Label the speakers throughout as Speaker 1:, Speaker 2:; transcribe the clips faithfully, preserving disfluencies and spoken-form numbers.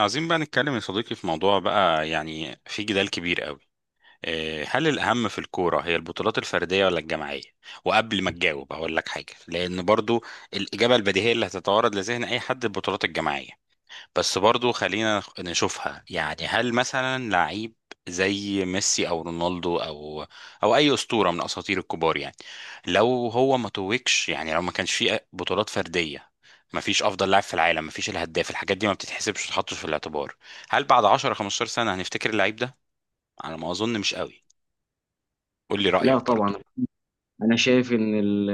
Speaker 1: عايزين بقى نتكلم يا صديقي في موضوع بقى يعني في جدال كبير قوي. إيه، هل الأهم في الكورة هي البطولات الفردية ولا الجماعية؟ وقبل ما تجاوب هقول لك حاجة، لأن برضو الإجابة البديهية اللي هتتوارد لذهن أي حد البطولات الجماعية. بس برضو خلينا نشوفها، يعني هل مثلا لعيب زي ميسي او رونالدو او او اي اسطوره من اساطير الكبار، يعني لو هو ما توجش، يعني لو ما كانش فيه بطولات فرديه، ما فيش افضل لاعب في العالم، ما فيش الهداف، الحاجات دي ما بتتحسبش وتتحطش في الاعتبار. هل بعد عشر خمسة عشر سنه هنفتكر اللعيب ده؟ على ما اظن مش قوي. قول لي
Speaker 2: لا
Speaker 1: رايك برضو.
Speaker 2: طبعا، انا شايف ان ال-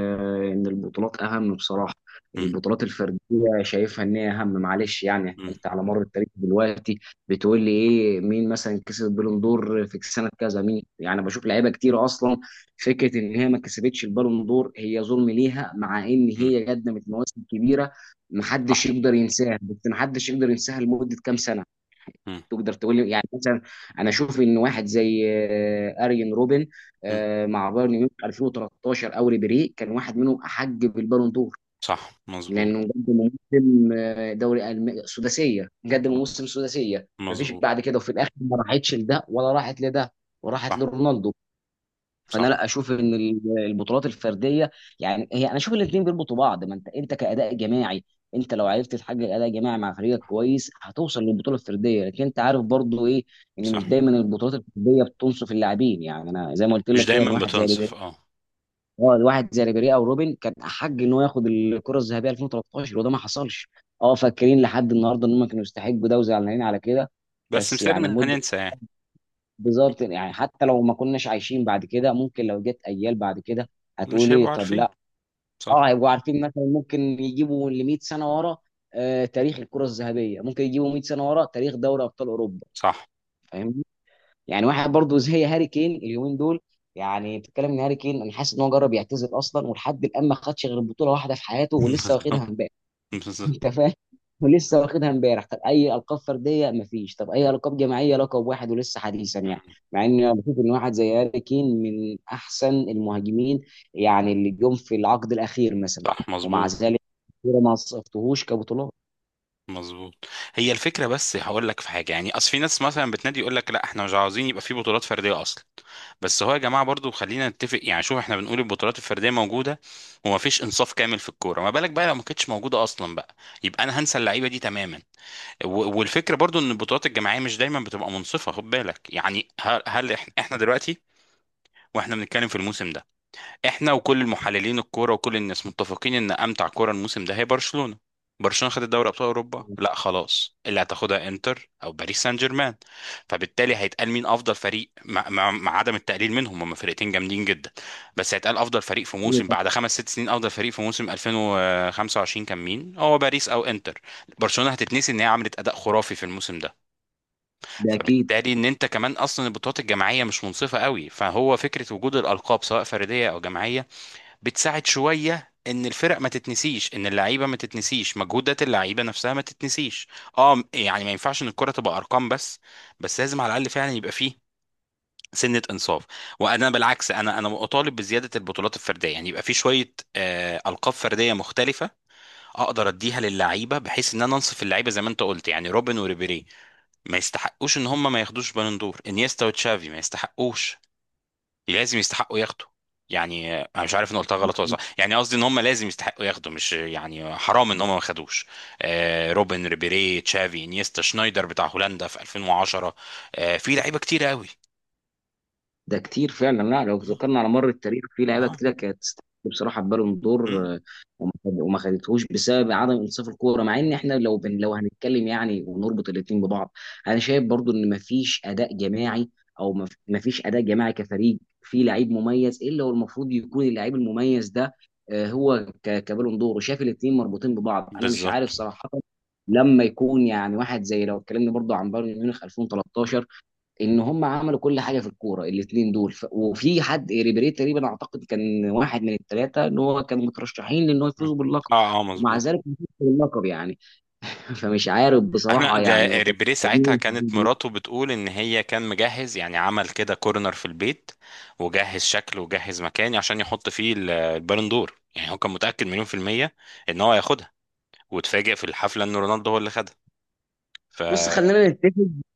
Speaker 2: ان البطولات اهم بصراحه.
Speaker 1: مم.
Speaker 2: البطولات الفرديه شايفها ان هي اهم، معلش. يعني
Speaker 1: مم.
Speaker 2: انت على مر التاريخ دلوقتي بتقول لي ايه؟ مين مثلا كسب البالون دور في سنه كذا؟ مين؟ يعني بشوف لعيبه كتير اصلا فكره ان هي ما كسبتش البالون دور هي ظلم ليها، مع ان
Speaker 1: مم.
Speaker 2: هي قدمت مواسم كبيره
Speaker 1: صح.
Speaker 2: محدش يقدر ينساها. بس محدش يقدر ينساها لمده كام سنه.
Speaker 1: مم.
Speaker 2: تقدر تقول لي يعني مثلا انا اشوف ان واحد زي آه، اريان روبن
Speaker 1: مم.
Speaker 2: آه، مع بايرن ميونخ الفين وتلتاشر او ريبيري كان واحد منهم احق بالبالون دور،
Speaker 1: صح مظبوط.
Speaker 2: لانه قدم موسم آه، دوري ألم- سداسيه، قدم
Speaker 1: مم.
Speaker 2: موسم سداسيه مفيش
Speaker 1: مظبوط.
Speaker 2: بعد كده، وفي الاخر ما راحتش لده ولا راحت لده، وراحت
Speaker 1: صح.
Speaker 2: لرونالدو. فانا
Speaker 1: صح.
Speaker 2: لا اشوف ان ال- البطولات الفرديه، يعني هي انا اشوف الاثنين بيربطوا بعض. ما انت انت كاداء جماعي، انت لو عرفت تحقق اداء جماعي مع فريقك كويس هتوصل للبطوله الفرديه. لكن انت عارف برضو ايه؟ ان
Speaker 1: صح،
Speaker 2: مش دايما البطولات الفرديه بتنصف اللاعبين. يعني انا زي ما قلت
Speaker 1: مش
Speaker 2: لك كده ان
Speaker 1: دايما
Speaker 2: واحد زي
Speaker 1: بتنصف،
Speaker 2: ريبيري،
Speaker 1: اه.
Speaker 2: اه، واحد زي ريبيري او روبن كان احق ان هو ياخد الكره الذهبيه الفين وتلتاشر وده ما حصلش. اه، فاكرين لحد النهارده ان هم كانوا يستحقوا ده وزعلانين على كده.
Speaker 1: بس
Speaker 2: بس يعني
Speaker 1: مسيرنا
Speaker 2: لمده،
Speaker 1: هننسى يعني.
Speaker 2: بالظبط. يعني حتى لو ما كناش عايشين بعد كده ممكن لو جت اجيال بعد كده هتقول
Speaker 1: مش هيبقوا
Speaker 2: ايه؟ طب
Speaker 1: عارفين.
Speaker 2: لا،
Speaker 1: صح.
Speaker 2: اه هيبقوا عارفين، مثلا ممكن يجيبوا ل ميت سنه ورا، آه تاريخ الكره الذهبيه، ممكن يجيبوا ميت سنه ورا تاريخ دوري ابطال اوروبا.
Speaker 1: صح.
Speaker 2: فاهمني؟ يعني واحد برضو زي هاري كين اليومين دول، يعني بتتكلم ان هاري كين انا حاسس ان هو جرب يعتزل اصلا، ولحد الان ما خدش غير بطوله واحده في حياته ولسه واخدها
Speaker 1: بالظبط.
Speaker 2: امبارح.
Speaker 1: بالظبط.
Speaker 2: انت فاهم؟ ولسه واخدها امبارح. طب اي القاب فرديه مفيش، طب اي القاب جماعيه، لقب واحد ولسه حديثا. يعني مع ان انا بشوف ان واحد زي هاري كين من احسن المهاجمين يعني اللي جم في العقد الاخير مثلا،
Speaker 1: صح
Speaker 2: ومع
Speaker 1: مظبوط.
Speaker 2: ذلك كورة ما صفتهوش كبطولات.
Speaker 1: مظبوط. هي الفكره، بس هقول لك في حاجه، يعني اصل في ناس مثلا بتنادي يقول لك لا احنا مش عاوزين يبقى في بطولات فرديه اصلا. بس هو يا جماعه برضو خلينا نتفق، يعني شوف احنا بنقول البطولات الفرديه موجوده وما فيش انصاف كامل في الكوره، ما بالك بقى لو ما كانتش موجوده اصلا بقى، يبقى انا هنسى اللعيبه دي تماما. و- والفكره برضو ان البطولات الجماعيه مش دايما بتبقى منصفه. خد بالك، يعني هل هل احنا احنا دلوقتي، واحنا بنتكلم في الموسم ده، احنا وكل المحللين الكوره وكل الناس متفقين ان امتع كوره الموسم ده هي برشلونه. برشلونه خدت دوري ابطال اوروبا؟ لا، خلاص اللي هتاخدها انتر او باريس سان جيرمان. فبالتالي هيتقال مين افضل فريق، مع, مع, مع عدم التقليل منهم، هم فرقتين جامدين جدا. بس هيتقال افضل فريق في موسم، بعد خمس ست سنين افضل فريق في موسم ألفين وخمسة وعشرين كان مين؟ هو باريس او انتر؟ برشلونه هتتنسي ان هي عملت اداء خرافي في الموسم ده.
Speaker 2: ده اكيد.
Speaker 1: فبالتالي ان انت كمان اصلا البطولات الجماعيه مش منصفه قوي، فهو فكره وجود الالقاب سواء فرديه او جماعيه بتساعد شويه ان الفرق ما تتنسيش، ان اللعيبه ما تتنسيش، مجهودات اللعيبه نفسها ما تتنسيش. اه، يعني ما ينفعش ان الكره تبقى ارقام بس، بس لازم على الاقل فعلا يبقى فيه سنه انصاف. وانا بالعكس انا انا اطالب بزياده البطولات الفرديه، يعني يبقى في شويه آه القاب فرديه مختلفه اقدر اديها للعيبه، بحيث ان انا انصف اللعيبه. زي ما انت قلت يعني روبن وريبيري ما يستحقوش ان هم ما ياخدوش بالون دور، انيستا وتشافي ما يستحقوش، لازم يستحقوا ياخدوا. يعني انا مش عارف ان قلتها غلط ولا صح، يعني قصدي ان هم لازم يستحقوا ياخدوا، مش يعني حرام ان هم ما خدوش. آه، روبن، ريبيري، تشافي، انيستا، شنايدر بتاع هولندا في ألفين وعشرة، آه في لعيبه كتير قوي.
Speaker 2: ده كتير فعلا، لا لو
Speaker 1: مم.
Speaker 2: ذكرنا على مر التاريخ في لعيبه
Speaker 1: اه.
Speaker 2: كتير كانت تستحق بصراحه بالون دور،
Speaker 1: مم.
Speaker 2: آه، وما خد- وما خدتهوش بسبب عدم انصاف الكوره. مع ان
Speaker 1: مم.
Speaker 2: احنا لو بن لو هنتكلم يعني ونربط الاثنين ببعض، انا شايف برضو ان مفيش اداء جماعي، او مف- مفيش اداء جماعي كفريق في لعيب مميز الا هو المفروض يكون اللعيب المميز ده، آه، هو ك- كبالون دور. وشايف الاثنين مربوطين ببعض، انا مش عارف
Speaker 1: بالظبط.
Speaker 2: صراحه. لما يكون يعني واحد زي، لو اتكلمنا برضو عن بايرن ميونخ الفين وتلتاشر، ان هم عملوا كل حاجه في الكوره الاثنين دول، ف... وفي حد ريبيري تقريبا اعتقد كان واحد من الثلاثه ان هو كانوا مترشحين لان هو
Speaker 1: مم.
Speaker 2: يفوز باللقب،
Speaker 1: اه اه
Speaker 2: ومع
Speaker 1: مظبوط.
Speaker 2: ذلك ما فازش باللقب. يعني فمش عارف
Speaker 1: احنا
Speaker 2: بصراحه يعني هو
Speaker 1: ده
Speaker 2: كان.
Speaker 1: ريبيري ساعتها كانت مراته بتقول ان هي كان مجهز، يعني عمل كده كورنر في البيت وجهز شكله وجهز مكاني عشان يحط فيه ال- البالون دور، يعني هو كان متأكد مليون في المية ان هو هياخدها، واتفاجئ في الحفلة ان رونالدو هو اللي خدها،
Speaker 2: بص،
Speaker 1: فاكيد.
Speaker 2: خلينا نتفق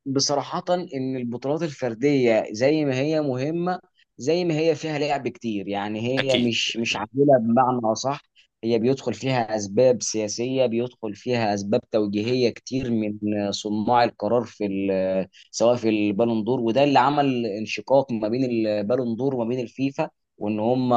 Speaker 2: بصراحة إن البطولات الفردية زي ما هي مهمة زي ما هي فيها لعب كتير، يعني هي مش مش
Speaker 1: اكيد.
Speaker 2: عادلة بمعنى أصح. هي بيدخل فيها أسباب سياسية، بيدخل فيها أسباب
Speaker 1: مم.
Speaker 2: توجيهية كتير من صناع القرار في ال- سواء في البالون دور، وده اللي عمل انشقاق ما بين البالون دور وما بين الفيفا. وإن هم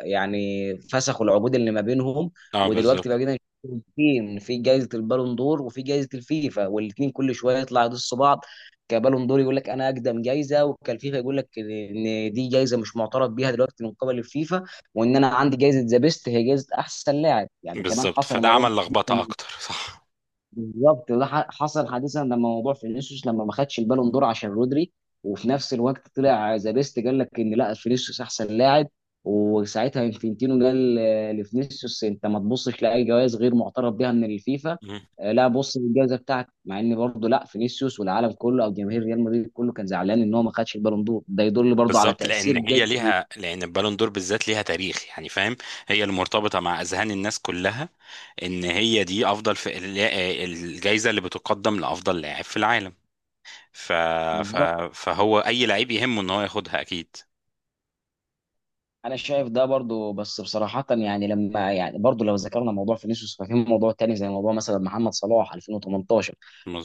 Speaker 2: يعني فسخوا العقود اللي ما بينهم،
Speaker 1: اه
Speaker 2: ودلوقتي
Speaker 1: بالظبط.
Speaker 2: بقينا جايزتين: في جايزه البالون دور وفي جايزه الفيفا، والاثنين كل شويه يطلع يدسوا بعض. كبالون دور يقول لك انا اقدم جايزه، وكالفيفا يقول لك ان دي جايزه مش معترف بيها دلوقتي من قبل الفيفا، وان انا عندي جايزه ذا بيست هي جايزه احسن لاعب. يعني كمان
Speaker 1: بالظبط،
Speaker 2: حصل
Speaker 1: فده
Speaker 2: الموضوع
Speaker 1: عمل لخبطة
Speaker 2: ده
Speaker 1: اكتر صح.
Speaker 2: بالظبط، ده ح- حصل حديثا لما موضوع فينيسيوس لما ما خدش البالون دور عشان رودري، وفي نفس الوقت طلع ذا بيست قال لك ان لا، فينيسيوس احسن لاعب. وساعتها انفنتينو قال آه، لفينيسيوس انت ما تبصش لاي جوائز غير معترف بها من الفيفا،
Speaker 1: مم.
Speaker 2: آه، لا بص للجائزه بتاعتك. مع ان برضه لا، فينيسيوس والعالم كله او جماهير ريال مدريد كله كان زعلان ان هو ما خدش البالون دور، ده يدل برضه على
Speaker 1: بالظبط، لان
Speaker 2: تاثير جيد.
Speaker 1: هي ليها، لان البالون دور بالذات ليها تاريخ، يعني فاهم، هي اللي مرتبطة مع اذهان الناس كلها، ان هي دي افضل في الجائزة اللي بتقدم لافضل لاعب في العالم. ف... ف...
Speaker 2: بالظبط،
Speaker 1: فهو اي لعيب يهمه ان هو ياخدها اكيد.
Speaker 2: انا شايف ده برضو. بس بصراحه يعني لما يعني برضو لو ذكرنا موضوع فينيسيوس، ففي موضوع تاني زي موضوع مثلا محمد صلاح الفين وثمانية عشر.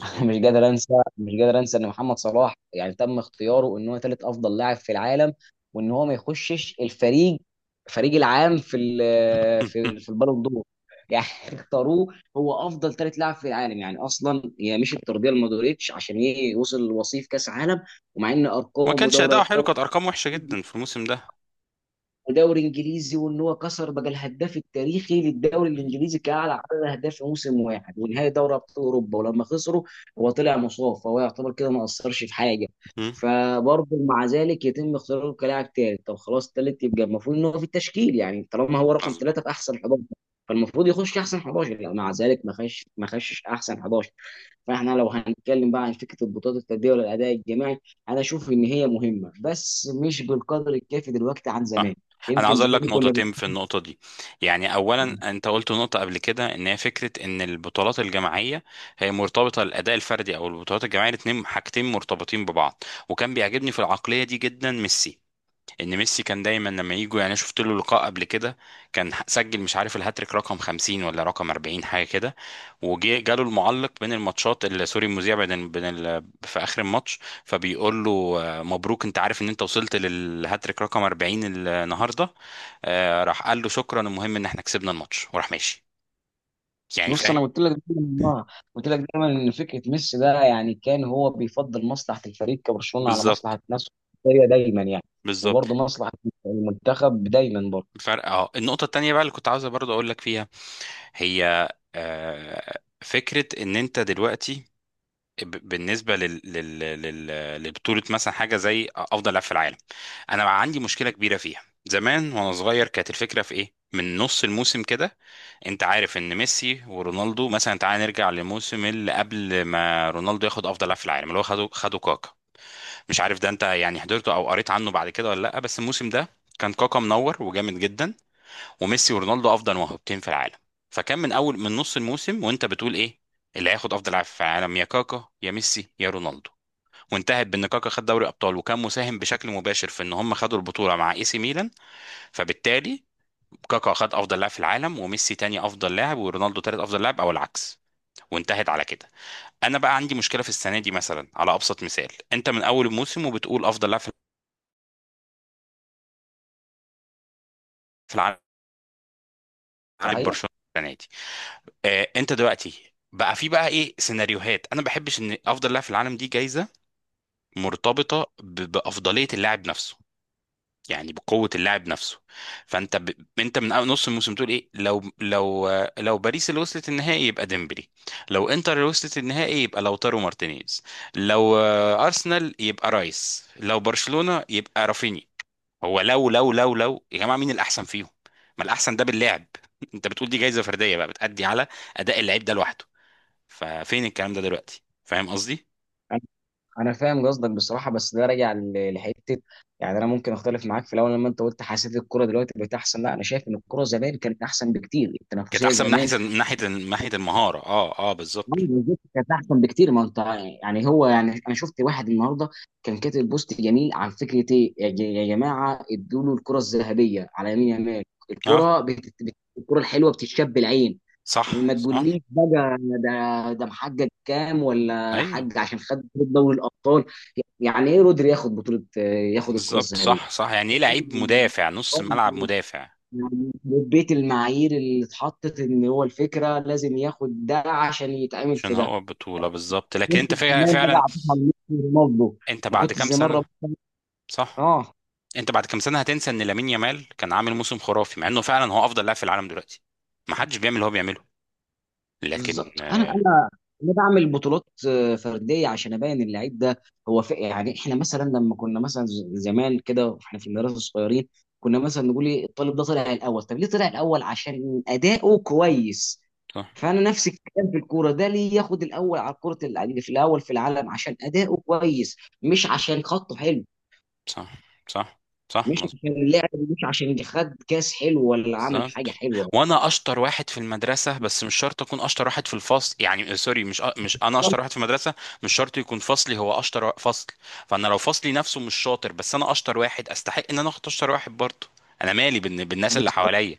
Speaker 2: انا مش قادر انسى مش قادر انسى ان محمد صلاح يعني تم اختياره ان هو ثالث افضل لاعب في العالم، وان هو ما يخشش الفريق، فريق العام في ال- في في البالون دور. يعني اختاروه هو افضل ثالث لاعب في العالم، يعني اصلا هي مش الترضيه لمودريتش عشان ي- يوصل لوصيف كاس عالم. ومع ان
Speaker 1: ما
Speaker 2: ارقام
Speaker 1: كانش
Speaker 2: ودوري
Speaker 1: اداؤه حلو،
Speaker 2: ابطال
Speaker 1: كانت ارقام وحشه جدا في الموسم ده.
Speaker 2: ودوري انجليزي، وان هو كسر بقى الهداف التاريخي للدوري
Speaker 1: مم.
Speaker 2: الانجليزي كاعلى عدد اهداف في موسم واحد، ونهائي دوري ابطال اوروبا ولما خسروا هو طلع مصاب فهو يعتبر كده ما اثرش في حاجه.
Speaker 1: مم.
Speaker 2: فبرضه مع ذلك يتم اختياره كلاعب ثالث، طب خلاص ثالث يبقى المفروض ان هو في التشكيل. يعني طالما هو رقم
Speaker 1: مظبوط.
Speaker 2: ثلاثه في احسن حداشر فالمفروض يخش احسن حداشر، لا مع ذلك ما خش، ما خشش احسن حداشر. فاحنا لو هنتكلم بقى عن فكره البطولات الفرديه ولا الاداء الجماعي، انا اشوف ان هي مهمه بس مش بالقدر الكافي دلوقتي عن زمان.
Speaker 1: صح. انا
Speaker 2: يمكن
Speaker 1: عاوز اقول لك
Speaker 2: زمان كنا بن-
Speaker 1: نقطتين في النقطه دي. يعني اولا انت قلت نقطه قبل كده ان هي فكره ان البطولات الجماعيه هي مرتبطه الاداء الفردي، او البطولات الجماعيه الاثنين حاجتين مرتبطين ببعض. وكان بيعجبني في العقليه دي جدا ميسي، ان ميسي كان دايما لما يجوا يعني، شفت له لقاء قبل كده، كان سجل مش عارف الهاتريك رقم خمسين ولا رقم أربعين، حاجه كده. وجي جاله المعلق بين الماتشات ال- سوري المذيع بين ال- بين ال- في اخر الماتش، فبيقول له آه، مبروك، انت عارف ان انت وصلت للهاتريك رقم أربعين النهارده؟ آه، راح قال له شكرا، المهم ان احنا كسبنا الماتش، وراح ماشي، يعني
Speaker 2: بص
Speaker 1: فاهم.
Speaker 2: انا قلت لك دايما، والله، قلت لك دايما ان فكره ميسي ده يعني كان هو بيفضل مصلحه الفريق كبرشلونه على
Speaker 1: بالظبط.
Speaker 2: مصلحه نفسه، هي دايما يعني.
Speaker 1: بالظبط
Speaker 2: وبرضه مصلحه المنتخب دايما برضه.
Speaker 1: فرق. اه، النقطه التانيه بقى اللي كنت عاوز برضه اقول لك فيها هي آه، فكره ان انت دلوقتي، ب- بالنسبه لل... لل... لل... لبطوله مثلا حاجه زي افضل لاعب في العالم، انا بقى عندي مشكله كبيره فيها. زمان وانا صغير كانت الفكره في ايه؟ من نص الموسم كده انت عارف ان ميسي ورونالدو مثلا، تعال نرجع للموسم اللي قبل ما رونالدو ياخد افضل لاعب في العالم، اللي هو خده خده كاكا. مش عارف ده انت يعني حضرته او قريت عنه بعد كده ولا لا، بس الموسم ده كان كاكا منور وجامد جدا، وميسي ورونالدو افضل موهبتين في العالم. فكان من اول من نص الموسم وانت بتقول ايه؟ اللي هياخد افضل لاعب في العالم، يا كاكا يا ميسي يا رونالدو. وانتهت بان كاكا خد دوري ابطال وكان مساهم بشكل مباشر في ان هم خدوا البطوله مع اي سي ميلان. فبالتالي كاكا خد افضل لاعب في العالم، وميسي تاني افضل لاعب، ورونالدو تالت افضل لاعب، او العكس. وانتهت على كده. انا بقى عندي مشكله في السنه دي. مثلا على ابسط مثال، انت من اول الموسم وبتقول افضل لاعب في العالم
Speaker 2: صحيح،
Speaker 1: برشلونه السنه دي. آه، انت دلوقتي بقى في بقى ايه سيناريوهات؟ انا ما بحبش ان افضل لاعب في العالم دي جايزه مرتبطه ب- بافضليه اللاعب نفسه، يعني بقوه اللاعب نفسه. فانت ب... انت من أول نص الموسم تقول ايه؟ لو لو لو باريس اللي وصلت النهائي يبقى ديمبلي، لو انتر اللي وصلت النهائي يبقى لوتارو مارتينيز، لو آه، ارسنال يبقى رايس، لو برشلونه يبقى رافيني. هو لو لو لو لو يا جماعه مين الاحسن فيهم؟ ما الاحسن ده باللعب انت بتقول دي جايزه فرديه بقى بتأدي على اداء اللعيب ده لوحده، ففين الكلام ده دلوقتي، فاهم قصدي؟
Speaker 2: انا فاهم قصدك بصراحه. بس ده راجع ل- لحته. يعني انا ممكن اختلف معاك في الاول لما انت قلت حسيت الكوره دلوقتي بقت احسن، لا انا شايف ان الكوره زمان كانت احسن بكتير،
Speaker 1: كانت
Speaker 2: التنافسيه
Speaker 1: احسن من ناحيه
Speaker 2: زمان
Speaker 1: من ناحيه من ناحيه المهاره، اه اه بالظبط.
Speaker 2: بالظبط كانت احسن بكتير. ما انت يعني هو يعني، انا شفت واحد النهارده كان كاتب بوست جميل عن فكره ايه، يا ج- يا جماعه ادوا له الكره الذهبيه على يمين يمال.
Speaker 1: اه.
Speaker 2: الكره بت... بت... الكره الحلوه بتتشاب العين،
Speaker 1: صح.
Speaker 2: ما
Speaker 1: صح.
Speaker 2: تقوليش بقى ده ده محقق كام ولا
Speaker 1: ايوه.
Speaker 2: حق عشان خد بطولة دوري الابطال. يعني ايه رودري ياخد بطولة، ياخد الكرة
Speaker 1: بالظبط.
Speaker 2: الذهبية؟
Speaker 1: صح. صح، يعني ايه لعيب مدافع نص ملعب مدافع؟
Speaker 2: يعني بيت المعايير اللي اتحطت ان هو الفكرة لازم ياخد ده عشان يتعمل
Speaker 1: عشان
Speaker 2: في ده.
Speaker 1: هو بطوله،
Speaker 2: يعني
Speaker 1: بالظبط. لكن
Speaker 2: كنت
Speaker 1: انت فع-
Speaker 2: زمان بقى
Speaker 1: فعلا.
Speaker 2: عطيتها لميسي ورونالدو،
Speaker 1: انت
Speaker 2: ما
Speaker 1: بعد
Speaker 2: كنت
Speaker 1: كام
Speaker 2: زمان رب...
Speaker 1: سنه؟ صح.
Speaker 2: اه
Speaker 1: انت بعد كام سنه هتنسى ان لامين يامال كان عامل موسم خرافي، مع انه فعلا هو افضل لاعب في العالم دلوقتي، ما حدش بيعمل اللي هو بيعمله، لكن
Speaker 2: بالظبط. انا
Speaker 1: آه،
Speaker 2: انا انا بعمل بطولات آه، فرديه عشان ابين اللعيب ده. هو في يعني احنا مثلا لما كنا مثلا ز- زمان كده واحنا في المدرسه الصغيرين، كنا مثلا نقول ايه؟ الطالب ده طلع الاول، طب ليه طلع الاول؟ عشان اداؤه كويس.
Speaker 1: صح.
Speaker 2: فانا نفس الكلام في الكوره ده، ليه ياخد الاول على الكره الع- اللي في الاول في العالم؟ عشان اداؤه كويس، مش عشان خطه حلو،
Speaker 1: صح. صح. صح
Speaker 2: مش
Speaker 1: مظبوط.
Speaker 2: عشان لعب، مش عشان خد كاس حلو ولا عمل حاجه
Speaker 1: بالظبط.
Speaker 2: حلوه.
Speaker 1: وانا اشطر واحد في المدرسه، بس مش شرط اكون اشطر واحد في الفصل، يعني آه، سوري، مش أ- مش انا اشطر واحد في المدرسه، مش شرط يكون فصلي هو اشطر وا- فصل. فانا لو فصلي نفسه مش شاطر، بس انا اشطر واحد، استحق ان انا اخد اشطر واحد برضه، انا مالي بالن- بالناس اللي
Speaker 2: بالظبط.
Speaker 1: حواليا.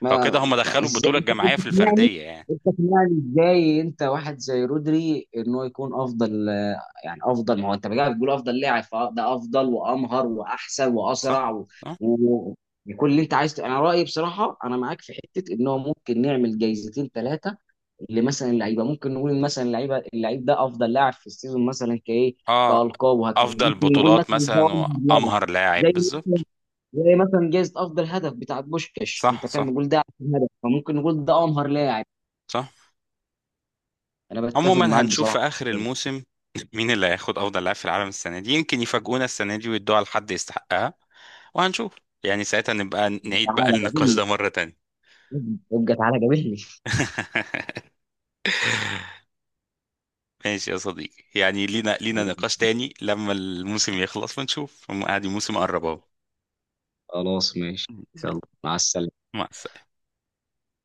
Speaker 2: ما
Speaker 1: فكده هم
Speaker 2: يعني
Speaker 1: دخلوا
Speaker 2: ازاي
Speaker 1: البطوله
Speaker 2: انت، أنت
Speaker 1: الجماعيه في
Speaker 2: تقنعني،
Speaker 1: الفرديه يعني.
Speaker 2: انت تقنعني ازاي انت واحد زي رودري ان هو يكون افضل؟ يعني افضل، ما هو انت بقى بتقول افضل لاعب، فده افضل وامهر واحسن
Speaker 1: صح.
Speaker 2: واسرع و...
Speaker 1: صح.
Speaker 2: و... وكل اللي انت عايز. انا رايي بصراحه انا معاك في حته ان هو ممكن نعمل جايزتين ثلاثه لمثلا اللعيبه، ممكن نقول مثلا اللعيبه اللعيب ده افضل لاعب في السيزون مثلا كايه،
Speaker 1: اه.
Speaker 2: كالقاب وهكذا،
Speaker 1: افضل
Speaker 2: ممكن نقول مثلا
Speaker 1: بطولات
Speaker 2: ده
Speaker 1: مثلا،
Speaker 2: أفضل لاعب.
Speaker 1: وامهر لاعب،
Speaker 2: زي،
Speaker 1: بالظبط.
Speaker 2: زي مثلا جايزة أفضل هدف بتاع بوشكاش،
Speaker 1: صح.
Speaker 2: أنت فاهم؟
Speaker 1: صح.
Speaker 2: نقول ده أحسن هدف، فممكن نقول ده أمهر لاعب.
Speaker 1: صح.
Speaker 2: أنا بتفق
Speaker 1: عموما
Speaker 2: معاك
Speaker 1: هنشوف
Speaker 2: بصراحة.
Speaker 1: في اخر الموسم مين اللي هياخد افضل لاعب في العالم السنه دي، يمكن يفاجئونا السنه دي ويدوها لحد يستحقها. وهنشوف، يعني ساعتها نبقى نعيد بقى
Speaker 2: تعالى
Speaker 1: النقاش
Speaker 2: قابلني،
Speaker 1: ده مره تانية.
Speaker 2: ابقى تعالى قابلني.
Speaker 1: ماشي يا صديقي، يعني لينا لينا نقاش تاني لما الموسم يخلص ونشوف، عادي الموسم قرب اهو.
Speaker 2: خلاص ماشي، يلا مع السلامة.
Speaker 1: مع السلامه.